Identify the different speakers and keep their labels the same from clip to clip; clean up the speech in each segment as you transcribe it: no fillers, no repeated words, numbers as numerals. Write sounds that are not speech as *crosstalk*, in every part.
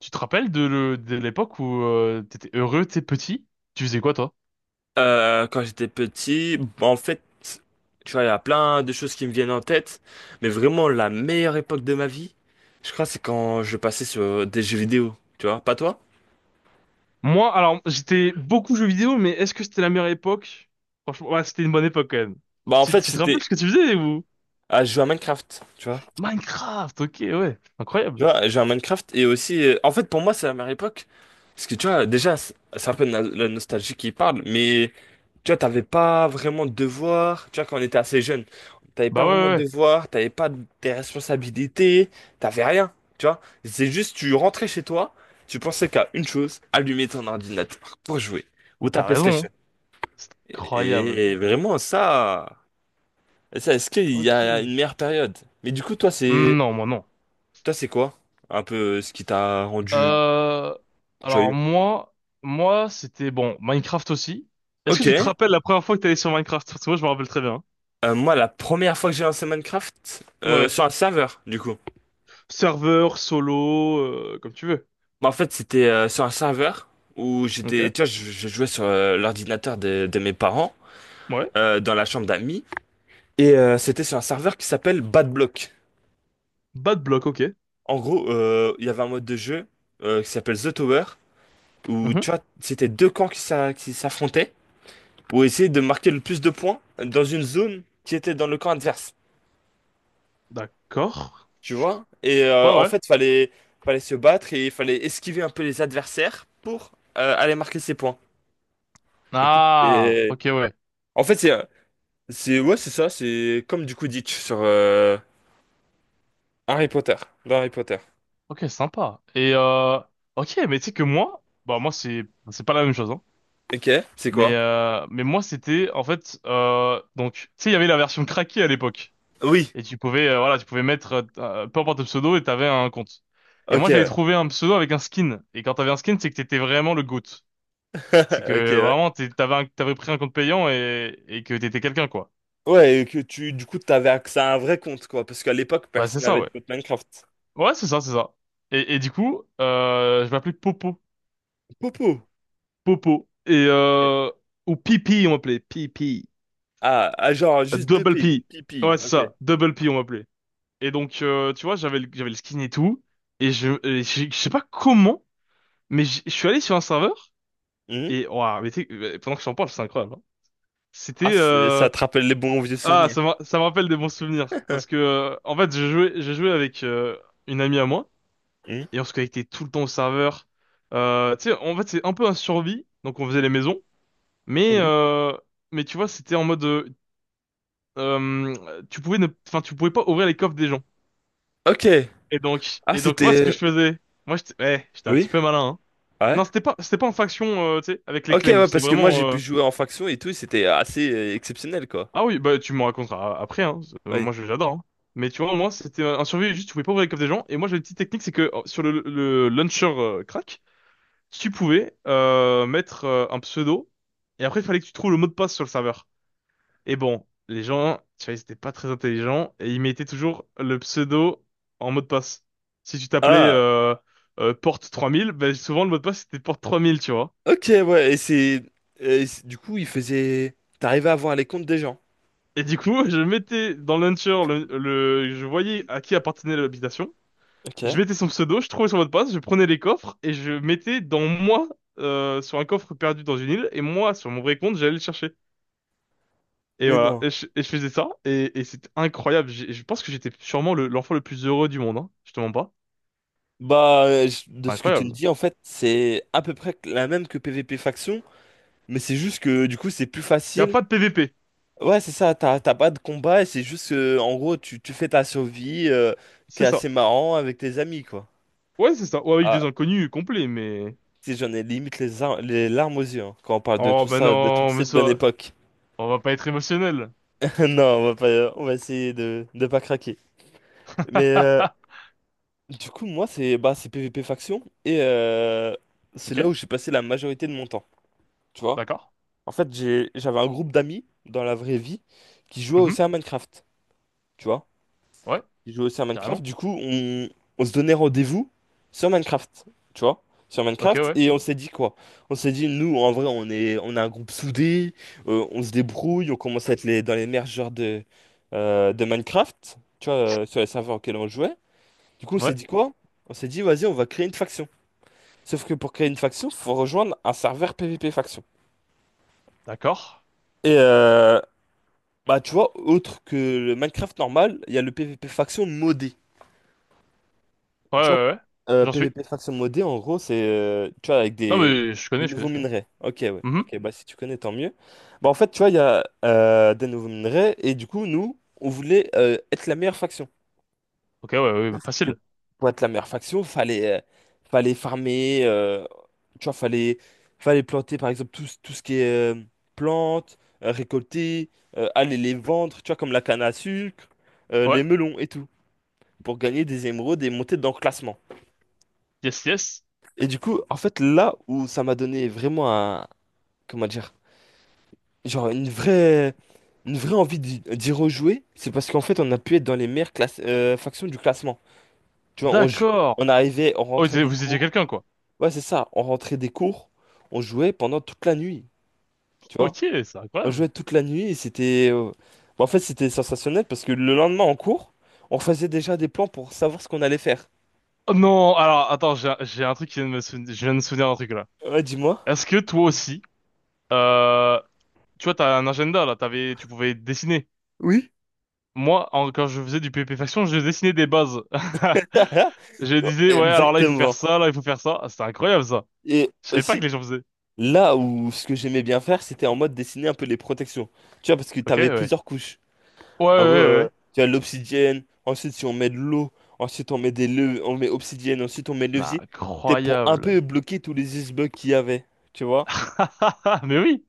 Speaker 1: Tu te rappelles de l'époque où t'étais heureux, t'es petit? Tu faisais quoi, toi?
Speaker 2: Quand j'étais petit, en fait, tu vois, il y a plein de choses qui me viennent en tête, mais vraiment la meilleure époque de ma vie, je crois, c'est quand je passais sur des jeux vidéo, tu vois, pas toi?
Speaker 1: Moi, alors, j'étais beaucoup jeux vidéo, mais est-ce que c'était la meilleure époque? Franchement, ouais, c'était une bonne époque quand même.
Speaker 2: Bah en
Speaker 1: Tu,
Speaker 2: fait,
Speaker 1: tu te rappelles
Speaker 2: c'était
Speaker 1: ce que tu faisais ou?
Speaker 2: à jouer à Minecraft, tu vois.
Speaker 1: Minecraft, ok, ouais,
Speaker 2: Tu
Speaker 1: incroyable.
Speaker 2: vois, j'ai un Minecraft et aussi, en fait, pour moi, c'est la meilleure époque. Parce que tu vois, déjà, c'est un peu la nostalgie qui parle, mais tu vois, t'avais pas vraiment de devoirs. Tu vois, quand on était assez jeune, t'avais
Speaker 1: Bah
Speaker 2: pas
Speaker 1: ouais,
Speaker 2: vraiment
Speaker 1: ouais,
Speaker 2: de
Speaker 1: ouais,
Speaker 2: devoirs, t'avais pas des responsabilités, t'avais rien. Tu vois, c'est juste, tu rentrais chez toi, tu pensais qu'à une chose, allumer ton ordinateur pour jouer ou ta
Speaker 1: t'as raison,
Speaker 2: PlayStation.
Speaker 1: hein. C'est incroyable.
Speaker 2: Et vraiment, ça, est-ce qu'il y
Speaker 1: Ok.
Speaker 2: a une meilleure période? Mais du coup,
Speaker 1: Non, moi non.
Speaker 2: toi, c'est quoi? Un peu ce qui t'a rendu.
Speaker 1: Euh, alors
Speaker 2: Joyeux.
Speaker 1: moi, Moi, c'était bon, Minecraft aussi. Est-ce que
Speaker 2: Ok.
Speaker 1: tu te rappelles la première fois que t'allais sur Minecraft? Parce que moi, je me rappelle très bien.
Speaker 2: Moi, la première fois que j'ai lancé Minecraft,
Speaker 1: Ouais.
Speaker 2: sur un serveur, du coup.
Speaker 1: Serveur, solo, comme tu veux.
Speaker 2: Bah, en fait, c'était sur un serveur où j'étais,
Speaker 1: Ok.
Speaker 2: tu vois, je jouais sur l'ordinateur de mes parents,
Speaker 1: Ouais.
Speaker 2: dans la chambre d'amis, et c'était sur un serveur qui s'appelle Bad Block.
Speaker 1: Bad block, ok.
Speaker 2: En gros, il y avait un mode de jeu qui s'appelle The Tower, où, tu
Speaker 1: Mhm.
Speaker 2: vois, c'était deux camps qui s'affrontaient pour essayer de marquer le plus de points dans une zone qui était dans le camp adverse.
Speaker 1: D'accord.
Speaker 2: Tu vois? Et
Speaker 1: Ouais,
Speaker 2: en
Speaker 1: ouais.
Speaker 2: fait, fallait se battre et il fallait esquiver un peu les adversaires pour aller marquer ses points. Écoute,
Speaker 1: Ah, ok, ouais.
Speaker 2: en fait, ouais, c'est ça, c'est comme du Quidditch sur Harry Potter, dans Harry Potter.
Speaker 1: Ok, sympa. Ok, mais tu sais que moi, bah, moi, c'est pas la même chose, hein.
Speaker 2: Ok, c'est quoi?
Speaker 1: Mais moi, c'était, en fait, donc, tu sais, il y avait la version craquée à l'époque.
Speaker 2: Oui,
Speaker 1: Et tu pouvais, voilà, tu pouvais mettre, peu importe le pseudo et t'avais un compte. Et
Speaker 2: ok,
Speaker 1: moi, j'avais
Speaker 2: ouais.
Speaker 1: trouvé un pseudo avec un skin. Et quand t'avais un skin, c'est que t'étais vraiment le GOAT. C'est
Speaker 2: *laughs* Ok,
Speaker 1: que
Speaker 2: ouais.
Speaker 1: vraiment, t'avais pris un compte payant et que t'étais quelqu'un, quoi.
Speaker 2: Ouais, et que tu, du coup, t'avais accès à un vrai compte, quoi, parce qu'à l'époque,
Speaker 1: Bah, c'est
Speaker 2: personne
Speaker 1: ça,
Speaker 2: n'avait de
Speaker 1: ouais.
Speaker 2: compte Minecraft.
Speaker 1: Ouais, c'est ça, c'est ça. Et du coup, je m'appelais Popo.
Speaker 2: Popo!
Speaker 1: Popo. Et,
Speaker 2: Ok.
Speaker 1: ou Pipi, on m'appelait. Pipi.
Speaker 2: Ah, ah, genre, juste deux
Speaker 1: Double
Speaker 2: pi,
Speaker 1: P.
Speaker 2: pipi,
Speaker 1: Ouais, c'est
Speaker 2: ok.
Speaker 1: ça. Double P, on m'appelait. Et donc, tu vois, j'avais le skin et tout. Je sais pas comment, mais je suis allé sur un serveur.
Speaker 2: Hmm.
Speaker 1: Et, waouh, mais tu pendant que je t'en parle, c'est incroyable, hein.
Speaker 2: Ah,
Speaker 1: C'était, euh,
Speaker 2: ça te rappelle les bons vieux
Speaker 1: Ah,
Speaker 2: souvenirs.
Speaker 1: ça me rappelle des bons souvenirs. Parce que, en fait, j'ai joué avec une amie à moi.
Speaker 2: Hmm.
Speaker 1: Et on se connectait tout le temps au serveur. Tu sais, en fait, c'est un peu un survie. Donc, on faisait les maisons. Mais,
Speaker 2: Oui.
Speaker 1: euh, mais tu vois, c'était en mode. Tu pouvais ne, enfin, tu pouvais pas ouvrir les coffres des gens.
Speaker 2: Ok. Ah,
Speaker 1: Moi, ce
Speaker 2: c'était.
Speaker 1: que je faisais... Moi, j'étais ouais, j'étais un petit
Speaker 2: Oui?
Speaker 1: peu malin, hein.
Speaker 2: Ouais?
Speaker 1: Non, c'était pas, C'était pas en faction, tu sais, avec les
Speaker 2: Ok,
Speaker 1: claims.
Speaker 2: ouais,
Speaker 1: C'était
Speaker 2: parce que moi j'ai
Speaker 1: vraiment...
Speaker 2: pu jouer en faction et tout, et c'était assez exceptionnel, quoi.
Speaker 1: Ah oui, bah tu me raconteras après, hein.
Speaker 2: Oui.
Speaker 1: Moi j'adore, hein. Mais tu vois, moi c'était un survie, juste tu pouvais pas ouvrir les coffres des gens. Et moi j'ai une petite technique, c'est que sur le launcher crack, tu pouvais mettre un pseudo. Et après il fallait que tu trouves le mot de passe sur le serveur. Et bon, les gens, tu vois, ils étaient pas très intelligents et ils mettaient toujours le pseudo en mot de passe. Si tu t'appelais
Speaker 2: Ah,
Speaker 1: porte 3000, bah, souvent le mot de passe c'était porte trois mille, tu vois.
Speaker 2: ok, ouais, du coup, t'arrivais à voir les comptes des gens.
Speaker 1: Et du coup, *laughs* je mettais dans le launcher, je voyais à qui appartenait l'habitation.
Speaker 2: Ok.
Speaker 1: Je mettais son pseudo, je trouvais son mot de passe, je prenais les coffres et je mettais dans moi sur un coffre perdu dans une île et moi sur mon vrai compte j'allais le chercher. Et
Speaker 2: Mais
Speaker 1: voilà,
Speaker 2: non.
Speaker 1: et je faisais ça et c'était incroyable. Je pense que j'étais sûrement l'enfant le plus heureux du monde, hein. Je te mens pas.
Speaker 2: Bah, de
Speaker 1: C'est
Speaker 2: ce que tu me
Speaker 1: incroyable.
Speaker 2: dis, en fait, c'est à peu près la même que PvP faction, mais c'est juste que du coup, c'est plus
Speaker 1: Y a
Speaker 2: facile.
Speaker 1: pas de PVP,
Speaker 2: Ouais, c'est ça, t'as pas de combat, et c'est juste que, en gros, tu fais ta survie, qui
Speaker 1: c'est
Speaker 2: est
Speaker 1: ça.
Speaker 2: assez marrant avec tes amis, quoi.
Speaker 1: Ouais, c'est ça. Ou avec
Speaker 2: Ah,
Speaker 1: des inconnus complets, mais...
Speaker 2: si j'en ai limite les larmes aux yeux hein, quand on parle de
Speaker 1: Oh,
Speaker 2: tout
Speaker 1: bah
Speaker 2: ça, de toute
Speaker 1: non, mais
Speaker 2: cette bonne
Speaker 1: ça...
Speaker 2: époque.
Speaker 1: On va pas être émotionnel.
Speaker 2: *laughs* Non, on va pas, on va essayer de ne pas craquer. Mais
Speaker 1: *laughs*
Speaker 2: du coup, moi, c'est bah, c'est PVP faction et c'est
Speaker 1: Ok,
Speaker 2: là où j'ai passé la majorité de mon temps. Tu vois?
Speaker 1: d'accord.
Speaker 2: En fait, j'avais un groupe d'amis dans la vraie vie qui jouaient aussi
Speaker 1: Mhm.
Speaker 2: à Minecraft. Tu vois?
Speaker 1: Ouais,
Speaker 2: Je jouais aussi à Minecraft.
Speaker 1: carrément.
Speaker 2: Du coup, on se donnait rendez-vous sur Minecraft, tu vois, sur
Speaker 1: Ok,
Speaker 2: Minecraft.
Speaker 1: ouais.
Speaker 2: Et on s'est dit quoi? On s'est dit, nous, en vrai, on a un groupe soudé, on se débrouille, on commence à être dans les meilleurs joueurs de Minecraft, tu vois, sur les serveurs auxquels on jouait. Du coup, on s'est
Speaker 1: Ouais,
Speaker 2: dit quoi? On s'est dit, vas-y, on va créer une faction. Sauf que pour créer une faction, faut rejoindre un serveur PVP faction.
Speaker 1: d'accord.
Speaker 2: Et bah, tu vois, autre que le Minecraft normal, il y a le PVP faction modé.
Speaker 1: Ouais,
Speaker 2: Tu vois,
Speaker 1: ouais, ouais. J'en suis.
Speaker 2: PVP faction modée, en gros, c'est tu vois, avec
Speaker 1: Non,
Speaker 2: des,
Speaker 1: mais
Speaker 2: des nouveaux
Speaker 1: je connais.
Speaker 2: minerais. Ok, ouais.
Speaker 1: Mhm.
Speaker 2: Ok, bah si tu connais, tant mieux. Bah en fait, tu vois, il y a des nouveaux minerais et du coup, nous, on voulait être la meilleure faction.
Speaker 1: Ok, ouais, ouais,
Speaker 2: Que
Speaker 1: facile.
Speaker 2: pour être la meilleure faction, fallait farmer, tu vois, fallait planter, par exemple, tout, tout ce qui est plantes, récolter, aller les vendre, tu vois, comme la canne à sucre,
Speaker 1: Ouais,
Speaker 2: les melons et tout, pour gagner des émeraudes et monter dans le classement.
Speaker 1: yes, yes.
Speaker 2: Et du coup, en fait, là où ça m'a donné vraiment comment dire, genre une vraie envie d'y rejouer, c'est parce qu'en fait, on a pu être dans les meilleures factions du classement. Tu vois,
Speaker 1: D'accord.
Speaker 2: on
Speaker 1: Oh,
Speaker 2: rentrait des
Speaker 1: vous étiez
Speaker 2: cours.
Speaker 1: quelqu'un, quoi.
Speaker 2: Ouais, c'est ça, on rentrait des cours, on jouait pendant toute la nuit, tu
Speaker 1: Ok,
Speaker 2: vois.
Speaker 1: c'est
Speaker 2: On
Speaker 1: incroyable.
Speaker 2: jouait toute la nuit et bon, en fait, c'était sensationnel parce que le lendemain en cours, on faisait déjà des plans pour savoir ce qu'on allait faire.
Speaker 1: Oh non, alors, attends, j'ai un truc qui vient de me souvenir, je viens de me souvenir d'un truc, là.
Speaker 2: Ouais, dis-moi.
Speaker 1: Est-ce que toi aussi, euh, tu vois, t'as un agenda, là, t'avais, tu pouvais dessiner.
Speaker 2: Oui.
Speaker 1: Moi, quand je faisais du PP Faction, je dessinais des bases. *laughs*
Speaker 2: *laughs*
Speaker 1: Je disais, ouais, alors là, il faut faire
Speaker 2: Exactement.
Speaker 1: ça, là, il faut faire ça. Ah, c'était incroyable, ça.
Speaker 2: Et
Speaker 1: Je savais pas que
Speaker 2: aussi.
Speaker 1: les gens faisaient.
Speaker 2: Là où ce que j'aimais bien faire, c'était en mode dessiner un peu les protections. Tu vois, parce que
Speaker 1: Ok,
Speaker 2: t'avais
Speaker 1: ouais.
Speaker 2: plusieurs couches.
Speaker 1: Ouais, ouais,
Speaker 2: En gros,
Speaker 1: ouais, ouais.
Speaker 2: tu as l'obsidienne, ensuite si on met de l'eau, ensuite on met on met obsidienne, ensuite on met
Speaker 1: Bah,
Speaker 2: levier. C'était pour un peu
Speaker 1: incroyable.
Speaker 2: bloquer tous les icebergs qu'il y avait, tu vois.
Speaker 1: *laughs* Mais oui.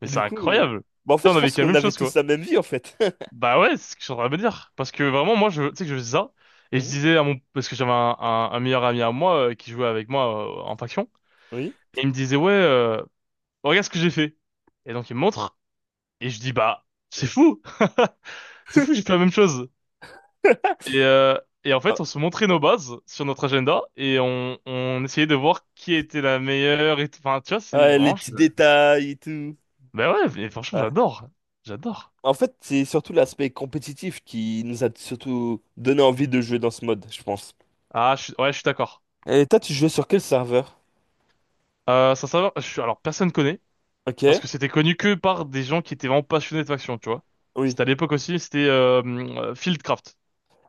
Speaker 1: Mais
Speaker 2: Et
Speaker 1: c'est
Speaker 2: du coup,
Speaker 1: incroyable.
Speaker 2: bah en
Speaker 1: Putain,
Speaker 2: fait,
Speaker 1: on
Speaker 2: je
Speaker 1: avait
Speaker 2: pense
Speaker 1: vécu la
Speaker 2: qu'on
Speaker 1: même
Speaker 2: avait
Speaker 1: chose, quoi.
Speaker 2: tous la même vie, en fait. *laughs*
Speaker 1: Bah ouais, c'est ce que je suis en train de me dire. Parce que vraiment, moi, je, tu sais que je faisais ça. Et je
Speaker 2: Hein.
Speaker 1: disais à parce que j'avais un meilleur ami à moi, qui jouait avec moi, en faction.
Speaker 2: Oui.
Speaker 1: Et il me disait, ouais, regarde ce que j'ai fait. Et donc, il me montre. Et je dis, bah, c'est fou. *laughs* C'est fou, j'ai fait la même chose. Et, euh, et en
Speaker 2: Ah,
Speaker 1: fait, on se montrait nos bases sur notre agenda. On essayait de voir qui était la meilleure. Et tout, enfin, tu vois, c'est
Speaker 2: ouais, les
Speaker 1: vraiment,
Speaker 2: petits détails et tout.
Speaker 1: bah ouais, mais franchement,
Speaker 2: Ouais.
Speaker 1: j'adore. J'adore.
Speaker 2: En fait, c'est surtout l'aspect compétitif qui nous a surtout donné envie de jouer dans ce mode, je pense.
Speaker 1: Ah, ouais, je suis d'accord.
Speaker 2: Et toi, tu jouais sur quel serveur?
Speaker 1: Ça savoir, je suis, Alors personne connaît, parce
Speaker 2: Ok.
Speaker 1: que c'était connu que par des gens qui étaient vraiment passionnés de faction, tu vois.
Speaker 2: Oui.
Speaker 1: C'était à l'époque aussi, c'était Fieldcraft.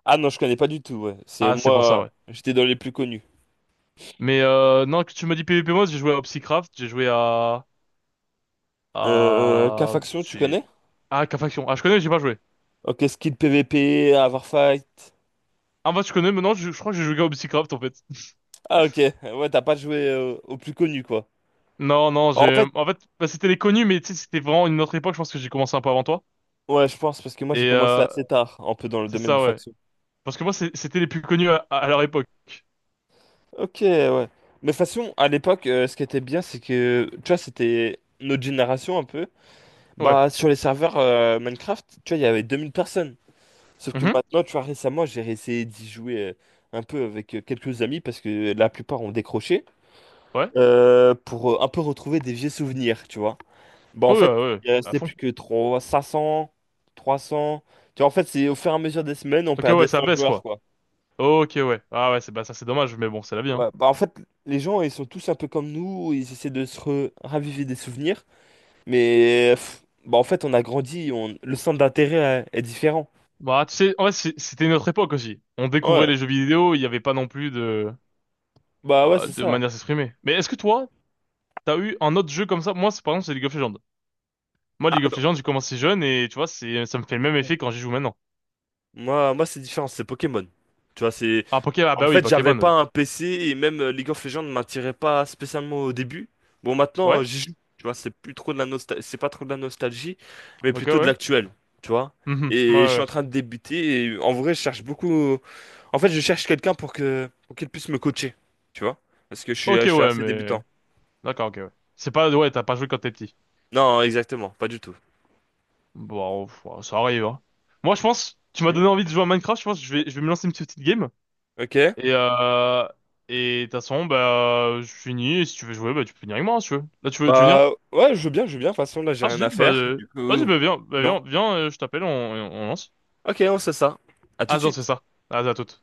Speaker 2: Ah non, je connais pas du tout, ouais. C'est
Speaker 1: Ah, c'est pour ça,
Speaker 2: moi,
Speaker 1: ouais.
Speaker 2: j'étais dans les plus connus.
Speaker 1: Mais non, que tu m'as dit PvP Mode, j'ai joué à Opsicraft, j'ai joué à...
Speaker 2: K-Faction, tu
Speaker 1: c'est...
Speaker 2: connais?
Speaker 1: Ah, qu'à faction. Ah, je connais, j'ai pas joué.
Speaker 2: Ok, Skill PVP, Fight.
Speaker 1: Ah, en fait, je connais, mais non, je crois que j'ai joué à Opsicraft, en fait. *laughs*
Speaker 2: Ah ok, ouais, t'as pas joué aux plus connus, quoi.
Speaker 1: Non, non,
Speaker 2: En
Speaker 1: j'ai...
Speaker 2: fait,
Speaker 1: En fait, bah, c'était les connus, mais tu sais, c'était vraiment une autre époque, je pense que j'ai commencé un peu avant toi.
Speaker 2: ouais, je pense, parce que moi j'ai
Speaker 1: Et
Speaker 2: commencé
Speaker 1: euh,
Speaker 2: assez tard, un peu dans le
Speaker 1: c'est
Speaker 2: domaine du
Speaker 1: ça, ouais.
Speaker 2: faction.
Speaker 1: Parce que moi, c'était les plus connus à leur époque.
Speaker 2: Ok, ouais. Mais de toute façon, à l'époque, ce qui était bien, c'est que, tu vois, c'était notre génération un peu.
Speaker 1: Ouais.
Speaker 2: Bah, sur les serveurs Minecraft, tu vois, il y avait 2000 personnes. Sauf que
Speaker 1: Mhm.
Speaker 2: maintenant, tu vois, récemment, j'ai essayé d'y jouer un peu avec quelques amis parce que la plupart ont décroché
Speaker 1: Ouais.
Speaker 2: pour un peu retrouver des vieux souvenirs, tu vois. Bah, en
Speaker 1: Oui, ouais,
Speaker 2: fait,
Speaker 1: ouais,
Speaker 2: il
Speaker 1: à
Speaker 2: restait
Speaker 1: fond.
Speaker 2: plus que 3, 500, 300. Tu vois, en fait, c'est au fur et à mesure des semaines, on
Speaker 1: Ok, ouais,
Speaker 2: perdait
Speaker 1: ça
Speaker 2: 100
Speaker 1: baisse,
Speaker 2: joueurs,
Speaker 1: quoi.
Speaker 2: quoi.
Speaker 1: Ok, ouais. Ah ouais, c'est bah ça c'est dommage, mais bon, c'est la vie, hein.
Speaker 2: Ouais, bah, en fait, les gens, ils sont tous un peu comme nous, ils essaient de se raviver des souvenirs, mais pff, bah, en fait, on a grandi, le centre d'intérêt est différent.
Speaker 1: Bah, tu sais, en vrai, c'était une autre époque aussi. On découvrait
Speaker 2: Ouais,
Speaker 1: les jeux vidéo, il n'y avait pas non plus
Speaker 2: bah ouais, c'est
Speaker 1: de
Speaker 2: ça.
Speaker 1: manière de s'exprimer. Mais est-ce que toi, t'as eu un autre jeu comme ça? Moi, c'est, par exemple, c'est League of Legends. Moi,
Speaker 2: Ah
Speaker 1: League of Legends, j'ai commencé jeune et tu vois, c'est, ça me fait le même
Speaker 2: non.
Speaker 1: effet quand j'y joue maintenant.
Speaker 2: Moi, moi c'est différent, c'est Pokémon. Tu vois, c'est.
Speaker 1: Ah, Pokémon, ah
Speaker 2: En
Speaker 1: bah oui,
Speaker 2: fait, j'avais
Speaker 1: Pokémon,
Speaker 2: pas
Speaker 1: oui.
Speaker 2: un PC et même League of Legends ne m'attirait pas spécialement au début. Bon, maintenant,
Speaker 1: Ouais,
Speaker 2: j'y joue. Tu vois, c'est plus trop de la nostalgie, c'est pas trop de la nostalgie, mais
Speaker 1: ok,
Speaker 2: plutôt de
Speaker 1: ouais.
Speaker 2: l'actuel. Tu vois?
Speaker 1: Mhm, ouais,
Speaker 2: Et je
Speaker 1: ouais,
Speaker 2: suis en
Speaker 1: ouais.
Speaker 2: train de débuter et en vrai, je cherche beaucoup. En fait, je cherche quelqu'un pour qu'il puisse me coacher. Tu vois? Parce que je suis,
Speaker 1: Ok,
Speaker 2: je suis
Speaker 1: ouais,
Speaker 2: assez
Speaker 1: mais...
Speaker 2: débutant.
Speaker 1: D'accord, ok, ouais. C'est pas, ouais, t'as pas joué quand t'es petit.
Speaker 2: Non, exactement, pas du tout.
Speaker 1: Bon, pff, ouais, ça arrive, hein. Moi, je pense, tu m'as
Speaker 2: Hmm.
Speaker 1: donné envie de jouer à Minecraft, je pense que je vais me lancer une petite game.
Speaker 2: Ok.
Speaker 1: Et, euh, et de toute façon, bah, je finis. Et si tu veux jouer, bah, tu peux venir avec moi, hein, si tu veux. Là, tu veux venir?
Speaker 2: Bah ouais, je veux bien, je veux bien. De toute façon, là, j'ai
Speaker 1: Ah,
Speaker 2: rien
Speaker 1: si,
Speaker 2: à
Speaker 1: bah,
Speaker 2: faire. Du
Speaker 1: vas-y,
Speaker 2: coup, non.
Speaker 1: viens, je t'appelle, on lance.
Speaker 2: Ok, on sait ça. À tout
Speaker 1: Ah,
Speaker 2: de
Speaker 1: non, c'est
Speaker 2: suite.
Speaker 1: ça. Ah, à toute.